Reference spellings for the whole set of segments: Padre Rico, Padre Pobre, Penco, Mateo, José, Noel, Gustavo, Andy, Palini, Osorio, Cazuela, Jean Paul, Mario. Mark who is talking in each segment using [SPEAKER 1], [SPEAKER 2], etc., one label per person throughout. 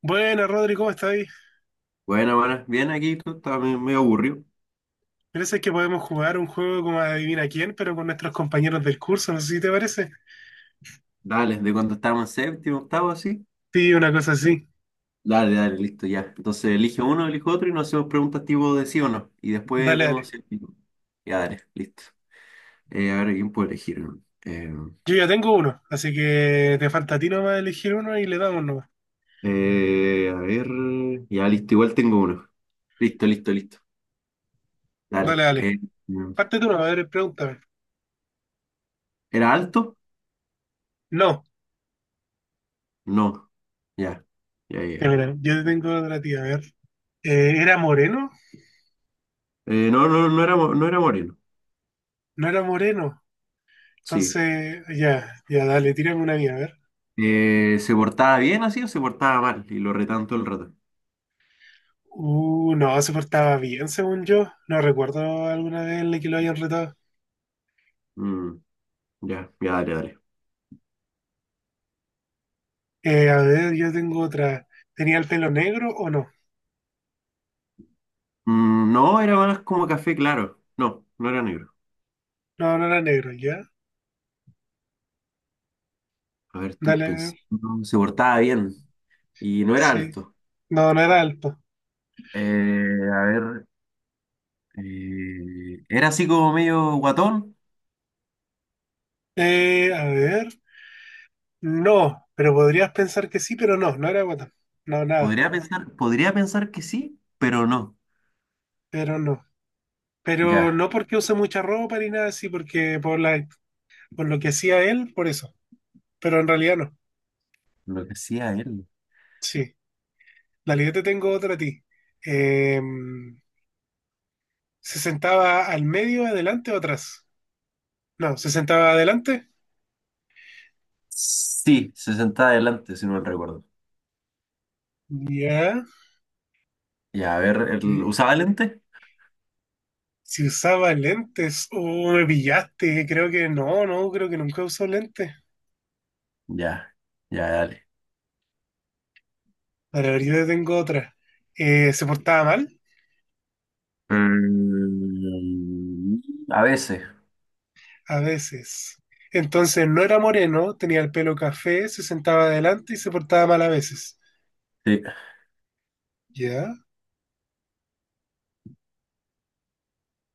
[SPEAKER 1] Buenas, Rodri, ¿cómo estás ahí?
[SPEAKER 2] Bueno, bueno, bien aquí, tú estás medio aburrido.
[SPEAKER 1] Parece que podemos jugar un juego como Adivina quién, pero con nuestros compañeros del curso, no sé si te parece.
[SPEAKER 2] Dale, de cuando estábamos en séptimo, octavo, así.
[SPEAKER 1] Sí, una cosa así.
[SPEAKER 2] Dale, dale, listo, ya. Entonces elige uno, elijo otro y nos hacemos preguntas tipo de sí o no. Y después
[SPEAKER 1] Dale,
[SPEAKER 2] vemos
[SPEAKER 1] dale.
[SPEAKER 2] si... Ya, dale, listo. A ver, ¿quién puede elegir? Eh,
[SPEAKER 1] Yo ya tengo uno, así que te falta a ti nomás elegir uno y le damos nomás.
[SPEAKER 2] a ver, ya, listo, igual tengo uno. Listo, listo, listo.
[SPEAKER 1] Dale,
[SPEAKER 2] Dale.
[SPEAKER 1] dale.
[SPEAKER 2] Mm,
[SPEAKER 1] Parte tú, nomás, a ver, pregúntame.
[SPEAKER 2] ¿Era alto?
[SPEAKER 1] No.
[SPEAKER 2] No. Ya, ya,
[SPEAKER 1] Ya,
[SPEAKER 2] ya.
[SPEAKER 1] mira, yo te tengo otra tía, a ver. ¿Era moreno?
[SPEAKER 2] No, no, no era moreno.
[SPEAKER 1] No era moreno.
[SPEAKER 2] Sí.
[SPEAKER 1] Entonces, ya, ya, dale, tírame una mía, a ver.
[SPEAKER 2] ¿Se portaba bien así o se portaba mal? Y lo retan todo el rato.
[SPEAKER 1] No, se portaba bien, según yo. No recuerdo alguna vez en la que lo hayan retado.
[SPEAKER 2] Mm, ya, ya, dale, dale.
[SPEAKER 1] A ver, yo tengo otra. ¿Tenía el pelo negro o no?
[SPEAKER 2] No, era más como café claro. No, no era negro.
[SPEAKER 1] No, no era negro, ¿ya?
[SPEAKER 2] A ver, estoy
[SPEAKER 1] Dale, a ver.
[SPEAKER 2] pensando. Se portaba bien y no era
[SPEAKER 1] Sí.
[SPEAKER 2] alto.
[SPEAKER 1] No, no era alto.
[SPEAKER 2] Eh, a ver, Era así como medio guatón.
[SPEAKER 1] A ver. No, pero podrías pensar que sí, pero no, no era guatón. No, nada,
[SPEAKER 2] Podría pensar que sí, pero no.
[SPEAKER 1] pero no. Pero
[SPEAKER 2] Ya,
[SPEAKER 1] no porque use mucha ropa ni nada así, porque por la, por lo que hacía él, por eso. Pero en realidad no.
[SPEAKER 2] lo que hacía él.
[SPEAKER 1] Sí. Dale, yo te tengo otra a ti. Eh, ¿se sentaba al medio, adelante o atrás? No, ¿se sentaba adelante?
[SPEAKER 2] Sí, se sentaba adelante, si no me recuerdo.
[SPEAKER 1] Ya,
[SPEAKER 2] Ya, a ver, él
[SPEAKER 1] sí.
[SPEAKER 2] ¿usaba lente?
[SPEAKER 1] Si usaba lentes, me pillaste. Creo que no, no, creo que nunca usó lentes.
[SPEAKER 2] Ya, ya, dale.
[SPEAKER 1] Para ver, yo te tengo otra. Se portaba mal,
[SPEAKER 2] Mm, a veces.
[SPEAKER 1] a veces. Entonces no era moreno, tenía el pelo café, se sentaba adelante y se portaba mal a veces.
[SPEAKER 2] Sí.
[SPEAKER 1] ¿Ya?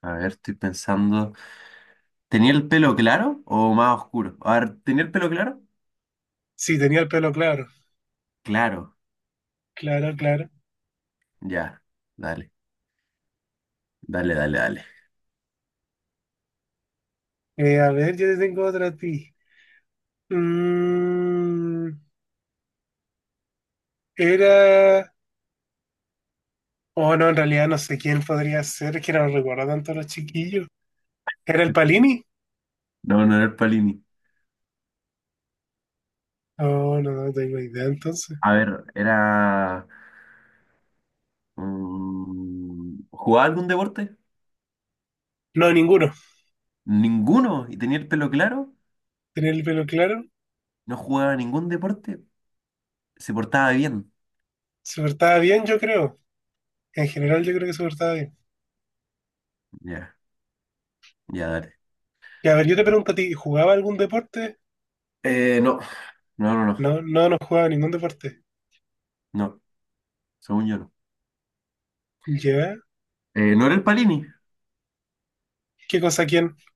[SPEAKER 2] A ver, estoy pensando. ¿Tenía el pelo claro o más oscuro? A ver, ¿tenía el pelo claro?
[SPEAKER 1] Sí, tenía el pelo claro.
[SPEAKER 2] Claro.
[SPEAKER 1] Claro, claro.
[SPEAKER 2] Ya. Dale, dale, dale, dale.
[SPEAKER 1] A ver, yo te tengo otra a ti. Mm, Era. Oh, no, en realidad no sé quién podría ser, es que no recuerdo tanto a los chiquillos. ¿Era el Palini?
[SPEAKER 2] No, no era el Palini.
[SPEAKER 1] Oh, no, no tengo idea entonces.
[SPEAKER 2] A ver, ¿jugaba algún deporte?
[SPEAKER 1] No, ninguno.
[SPEAKER 2] Ninguno. ¿Y tenía el pelo claro?
[SPEAKER 1] Tenía el pelo claro.
[SPEAKER 2] No jugaba ningún deporte. Se portaba bien.
[SPEAKER 1] Se portaba bien, yo creo. En general, yo creo que se portaba bien.
[SPEAKER 2] Ya, ya, dale.
[SPEAKER 1] Y a ver, yo te pregunto a ti, ¿jugaba algún deporte?
[SPEAKER 2] No. No, no, no.
[SPEAKER 1] No, no, no jugaba ningún deporte.
[SPEAKER 2] No. Según yo no.
[SPEAKER 1] ¿Ya?
[SPEAKER 2] ¿No era el Palini?
[SPEAKER 1] ¿Qué cosa quién?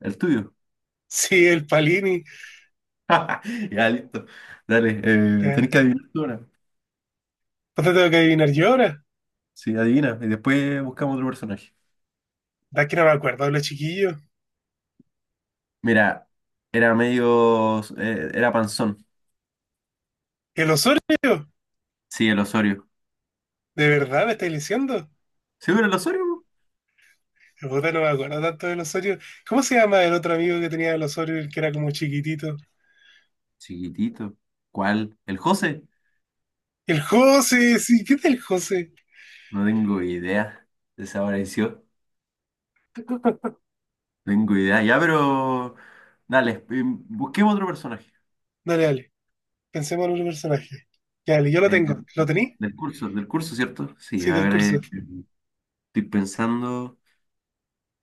[SPEAKER 2] El tuyo.
[SPEAKER 1] Sí, el Palini.
[SPEAKER 2] Ya, listo. Dale, tenés
[SPEAKER 1] Ya.
[SPEAKER 2] que adivinar tú ahora.
[SPEAKER 1] ¿Cuánto tengo que adivinar yo ahora?
[SPEAKER 2] Sí, adivina. Y después buscamos otro personaje.
[SPEAKER 1] Da que no me acuerdo, los chiquillos.
[SPEAKER 2] Mira, era medio. Era panzón.
[SPEAKER 1] ¿El Osorio?
[SPEAKER 2] Sí, el Osorio.
[SPEAKER 1] ¿De verdad me estáis diciendo?
[SPEAKER 2] ¿Sí era el Osorio? Po?
[SPEAKER 1] Puta, no me acuerdo tanto del Osorio. ¿Cómo se llama el otro amigo que tenía el Osorio, el que era como chiquitito?
[SPEAKER 2] Chiquitito. ¿Cuál? ¿El José?
[SPEAKER 1] El José, sí, ¿qué tal el José?
[SPEAKER 2] No tengo idea. Desapareció. No tengo idea. Ya, pero. Dale, busquemos otro personaje.
[SPEAKER 1] Dale, dale. Pensemos en otro personaje. Dale, yo lo
[SPEAKER 2] Eh,
[SPEAKER 1] tengo. ¿Lo tení?
[SPEAKER 2] del curso ¿cierto? Sí,
[SPEAKER 1] Sí,
[SPEAKER 2] a
[SPEAKER 1] del
[SPEAKER 2] ver,
[SPEAKER 1] curso.
[SPEAKER 2] estoy pensando.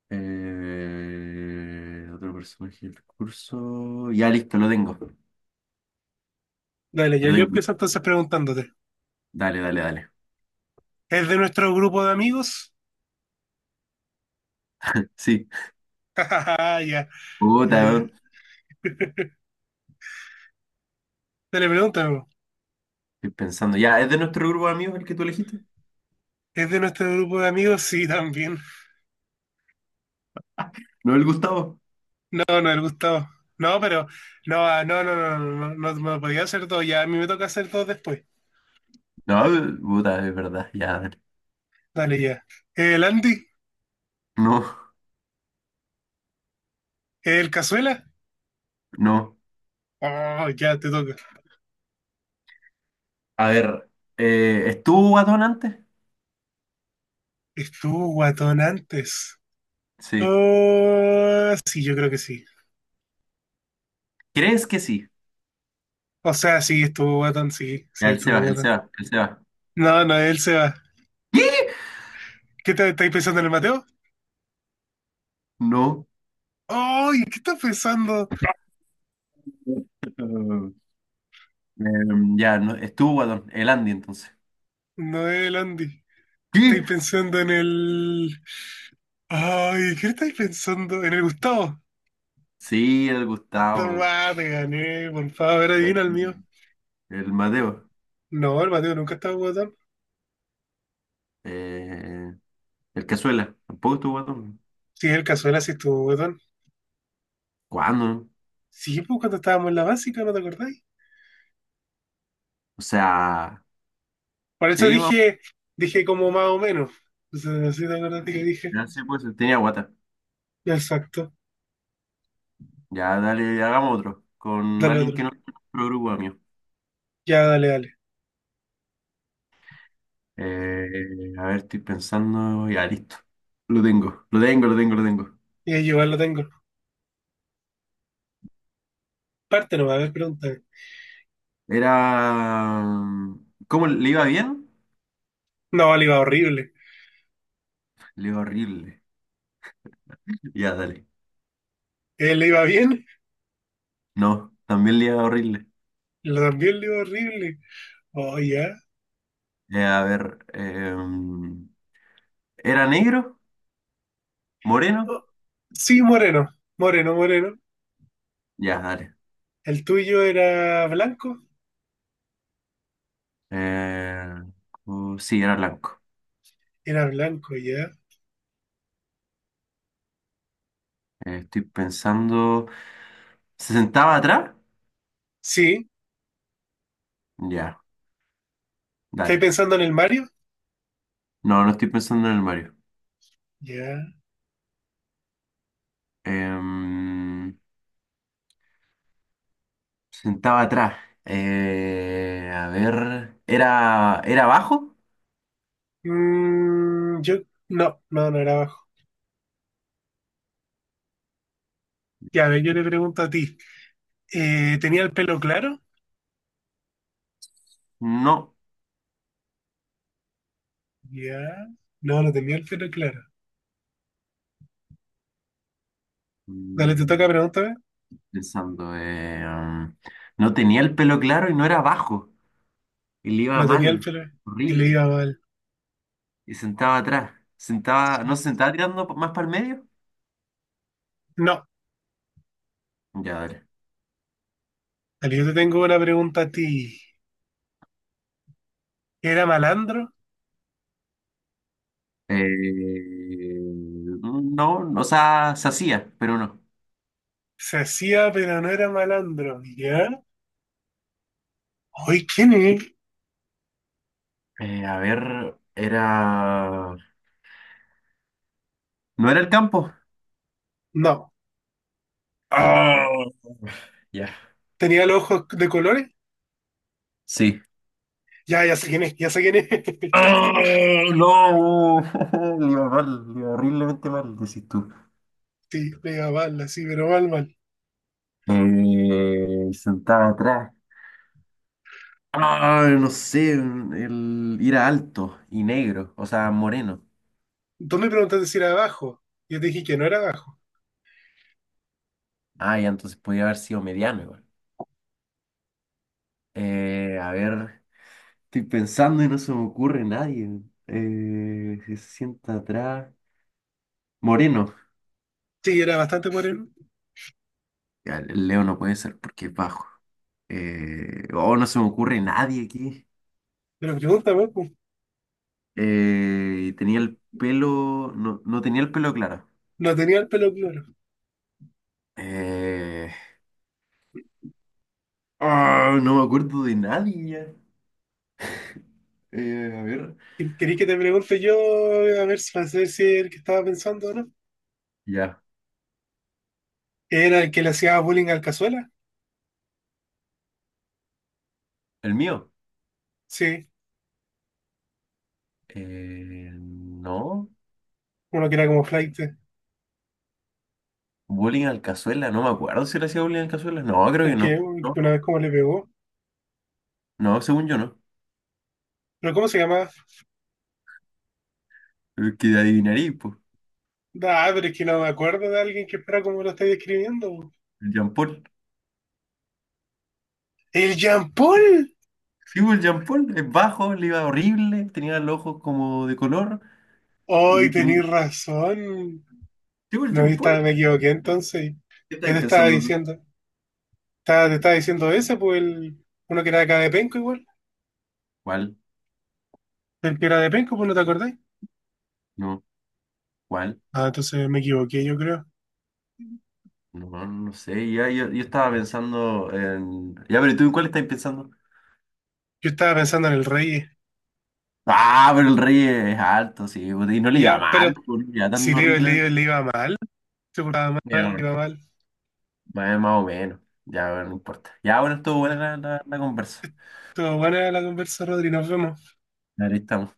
[SPEAKER 2] Otro personaje del curso. Ya listo, lo tengo.
[SPEAKER 1] Dale, ya
[SPEAKER 2] Lo
[SPEAKER 1] yo
[SPEAKER 2] tengo.
[SPEAKER 1] empiezo entonces preguntándote.
[SPEAKER 2] Dale, dale, dale.
[SPEAKER 1] ¿Es de nuestro grupo de amigos?
[SPEAKER 2] Sí.
[SPEAKER 1] Ah, ya,
[SPEAKER 2] Puta,
[SPEAKER 1] ya, ya.
[SPEAKER 2] weón.
[SPEAKER 1] Dale, pregúntame, po.
[SPEAKER 2] Estoy pensando. Ya, ¿es de nuestro grupo de amigos el que tú elegiste?
[SPEAKER 1] ¿Es de nuestro grupo de amigos? Sí, también.
[SPEAKER 2] ¿No el Gustavo?
[SPEAKER 1] No, no, el Gustavo. No, pero. No, ah, no, no, no, no, no, no me podía hacer todo ya. A mí me toca hacer todo después.
[SPEAKER 2] No, puta, es verdad. Ya, dale.
[SPEAKER 1] Dale, ya. ¿El Andy?
[SPEAKER 2] No,
[SPEAKER 1] ¿El Cazuela?
[SPEAKER 2] no.
[SPEAKER 1] Oh, ya te toca.
[SPEAKER 2] A ver, ¿estuvo guatón antes?
[SPEAKER 1] Estuvo guatón antes.
[SPEAKER 2] Sí.
[SPEAKER 1] Oh, sí, yo creo que sí.
[SPEAKER 2] ¿Crees que sí?
[SPEAKER 1] O sea, sí, estuvo guatón, sí,
[SPEAKER 2] Ya,
[SPEAKER 1] sí,
[SPEAKER 2] el
[SPEAKER 1] estuvo
[SPEAKER 2] Seba, el
[SPEAKER 1] guatón.
[SPEAKER 2] Seba, el Seba.
[SPEAKER 1] No, Noel se va.
[SPEAKER 2] ¿Qué?
[SPEAKER 1] ¿Qué te, estáis pensando en el Mateo?
[SPEAKER 2] No.
[SPEAKER 1] ¡Ay! ¿Qué estás pensando?
[SPEAKER 2] Ya, no, estuvo guatón. El Andy, entonces.
[SPEAKER 1] Noel, Andy. ¿Estáis
[SPEAKER 2] ¿Qué?
[SPEAKER 1] pensando en el. ¡Ay! ¿Qué estáis pensando? ¿En el Gustavo?
[SPEAKER 2] Sí, el Gustavo.
[SPEAKER 1] Tomá, te gané, por favor, adivina el mío.
[SPEAKER 2] El Madeo,
[SPEAKER 1] No, el Mateo nunca estaba guatón.
[SPEAKER 2] eh, el Cazuela, tampoco estuvo guatón.
[SPEAKER 1] Sí, el Cazuela sí estuvo guatón.
[SPEAKER 2] ¿Cuándo?
[SPEAKER 1] Sí, pues cuando estábamos en la básica, ¿no te acordáis?
[SPEAKER 2] O sea,
[SPEAKER 1] Por eso
[SPEAKER 2] sí, vamos,
[SPEAKER 1] dije, dije como más o menos. Entonces, no sé si te acordaste que dije.
[SPEAKER 2] ya sí, pues tenía guata.
[SPEAKER 1] Exacto.
[SPEAKER 2] Ya dale, hagamos otro, con
[SPEAKER 1] Dale
[SPEAKER 2] alguien
[SPEAKER 1] otro.
[SPEAKER 2] que no es nuestro grupo, amigo.
[SPEAKER 1] Ya, dale, dale.
[SPEAKER 2] Eh, a ver, estoy pensando, ya listo. Lo tengo.
[SPEAKER 1] Y ahí igual lo tengo. Parte no va a haber preguntas.
[SPEAKER 2] Era... ¿Cómo le iba bien?
[SPEAKER 1] No, le iba horrible.
[SPEAKER 2] Le iba horrible. Ya, dale.
[SPEAKER 1] Él le iba bien,
[SPEAKER 2] No, también le iba horrible.
[SPEAKER 1] lo también le iba horrible. Oh, ya.
[SPEAKER 2] Eh, a ver, em, ¿Era negro? ¿Moreno?
[SPEAKER 1] Oh, sí, moreno, moreno, moreno.
[SPEAKER 2] Ya, dale.
[SPEAKER 1] El tuyo
[SPEAKER 2] Eh, sí, era blanco.
[SPEAKER 1] era blanco, ya.
[SPEAKER 2] Estoy pensando. ¿Se sentaba atrás?
[SPEAKER 1] Sí,
[SPEAKER 2] Ya,
[SPEAKER 1] ¿estáis
[SPEAKER 2] dale.
[SPEAKER 1] pensando en el Mario?
[SPEAKER 2] No, no estoy pensando en el Mario.
[SPEAKER 1] Ya.
[SPEAKER 2] Em, Se sentaba atrás. A ver. ¿Era bajo?
[SPEAKER 1] Yo, no, no, no era abajo. Ya, a ver, yo le pregunto a ti. ¿Tenía el pelo claro?
[SPEAKER 2] No.
[SPEAKER 1] Ya. No, no tenía el pelo claro. Dale, te toca
[SPEAKER 2] Mm,
[SPEAKER 1] pregúntame.
[SPEAKER 2] Pensando. No tenía el pelo claro y no era bajo. Y le iba
[SPEAKER 1] No tenía el
[SPEAKER 2] mal.
[SPEAKER 1] pelo y le
[SPEAKER 2] Horrible.
[SPEAKER 1] iba mal.
[SPEAKER 2] Y sentaba atrás. Sentaba, ¿no
[SPEAKER 1] Sí.
[SPEAKER 2] se sentaba tirando más para el medio?
[SPEAKER 1] No,
[SPEAKER 2] Ya, dale.
[SPEAKER 1] dale, yo te tengo una pregunta a ti. ¿Era malandro?
[SPEAKER 2] No, o sea, se hacía, pero no.
[SPEAKER 1] Se hacía, pero no era malandro. ¿Ya? ¿Hoy quién es?
[SPEAKER 2] A ver, era... ¿No era el campo?
[SPEAKER 1] No.
[SPEAKER 2] Ah, ya.
[SPEAKER 1] ¿Tenía los ojos de colores?
[SPEAKER 2] Sí.
[SPEAKER 1] Ya, ya sé quién es, ya sé quién es.
[SPEAKER 2] Ah, no, le iba mal, le iba horriblemente mal, decís tú.
[SPEAKER 1] Sí, pega mal, así, pero mal, mal.
[SPEAKER 2] Sentaba atrás. Ah, no sé, era alto y negro, o sea, moreno.
[SPEAKER 1] Tú me preguntaste si era abajo. Yo te dije que no era abajo.
[SPEAKER 2] Ah, ya, entonces podía haber sido mediano igual. A ver. Estoy pensando y no se me ocurre nadie. Se sienta atrás. Moreno.
[SPEAKER 1] Sí, era bastante moreno.
[SPEAKER 2] Ya, el Leo no puede ser porque es bajo. Oh, no se me ocurre nadie aquí.
[SPEAKER 1] Pero pregúntame, pues,
[SPEAKER 2] Tenía el pelo. No, no tenía el pelo claro.
[SPEAKER 1] no tenía el pelo claro.
[SPEAKER 2] Eh, no me acuerdo de nadie ya. A ver.
[SPEAKER 1] ¿Querí que te pregunte yo, a ver, si- para saber si es el que estaba pensando o no?
[SPEAKER 2] Ya.
[SPEAKER 1] ¿Era el que le hacía bullying al Cazuela?
[SPEAKER 2] El mío.
[SPEAKER 1] Sí,
[SPEAKER 2] No.
[SPEAKER 1] uno que era como flight,
[SPEAKER 2] Bullying al cazuela. No me acuerdo si le hacía bullying al cazuela. No, creo que
[SPEAKER 1] el que
[SPEAKER 2] no. No,
[SPEAKER 1] una vez como le pegó.
[SPEAKER 2] no, según yo no.
[SPEAKER 1] ¿Pero cómo se llamaba?
[SPEAKER 2] Pero es Que adivinaría,
[SPEAKER 1] Ah, pero es que no me acuerdo de alguien que fuera como lo estáis describiendo.
[SPEAKER 2] el Jean Paul.
[SPEAKER 1] ¡El Jean Paul!
[SPEAKER 2] Sí, pues, el Jean Paul es bajo, le iba horrible, tenía los ojos como de color
[SPEAKER 1] ¡Hoy
[SPEAKER 2] y tenía...
[SPEAKER 1] tenéis razón!
[SPEAKER 2] Sí, pues, el
[SPEAKER 1] No, yo
[SPEAKER 2] Jean
[SPEAKER 1] estaba-
[SPEAKER 2] Paul.
[SPEAKER 1] me equivoqué entonces.
[SPEAKER 2] ¿Qué
[SPEAKER 1] ¿Qué
[SPEAKER 2] estáis
[SPEAKER 1] te estaba
[SPEAKER 2] pensando tú?
[SPEAKER 1] diciendo? Estaba- te estaba diciendo ese, pues el, uno que era de acá de Penco igual.
[SPEAKER 2] ¿Cuál?
[SPEAKER 1] El que era de Penco, pues no te acordáis.
[SPEAKER 2] No, ¿cuál?
[SPEAKER 1] Ah, entonces me equivoqué, yo creo.
[SPEAKER 2] No, no sé, ya, yo estaba pensando en... Ya, pero ¿tú en cuál estás pensando?
[SPEAKER 1] Yo estaba pensando en el rey.
[SPEAKER 2] Ah, pero el rey es alto, sí, pues, y no le iba
[SPEAKER 1] Ya, pero
[SPEAKER 2] mal, pues, no le iba
[SPEAKER 1] si
[SPEAKER 2] tan
[SPEAKER 1] le iba, le
[SPEAKER 2] horrible.
[SPEAKER 1] iba, le iba mal, se portaba
[SPEAKER 2] Pero
[SPEAKER 1] mal, le
[SPEAKER 2] bueno,
[SPEAKER 1] iba mal.
[SPEAKER 2] más o menos, ya, bueno, no importa. Ya, bueno, estuvo buena la conversa.
[SPEAKER 1] Todo buena la conversa, Rodri, nos vemos.
[SPEAKER 2] Ahí estamos.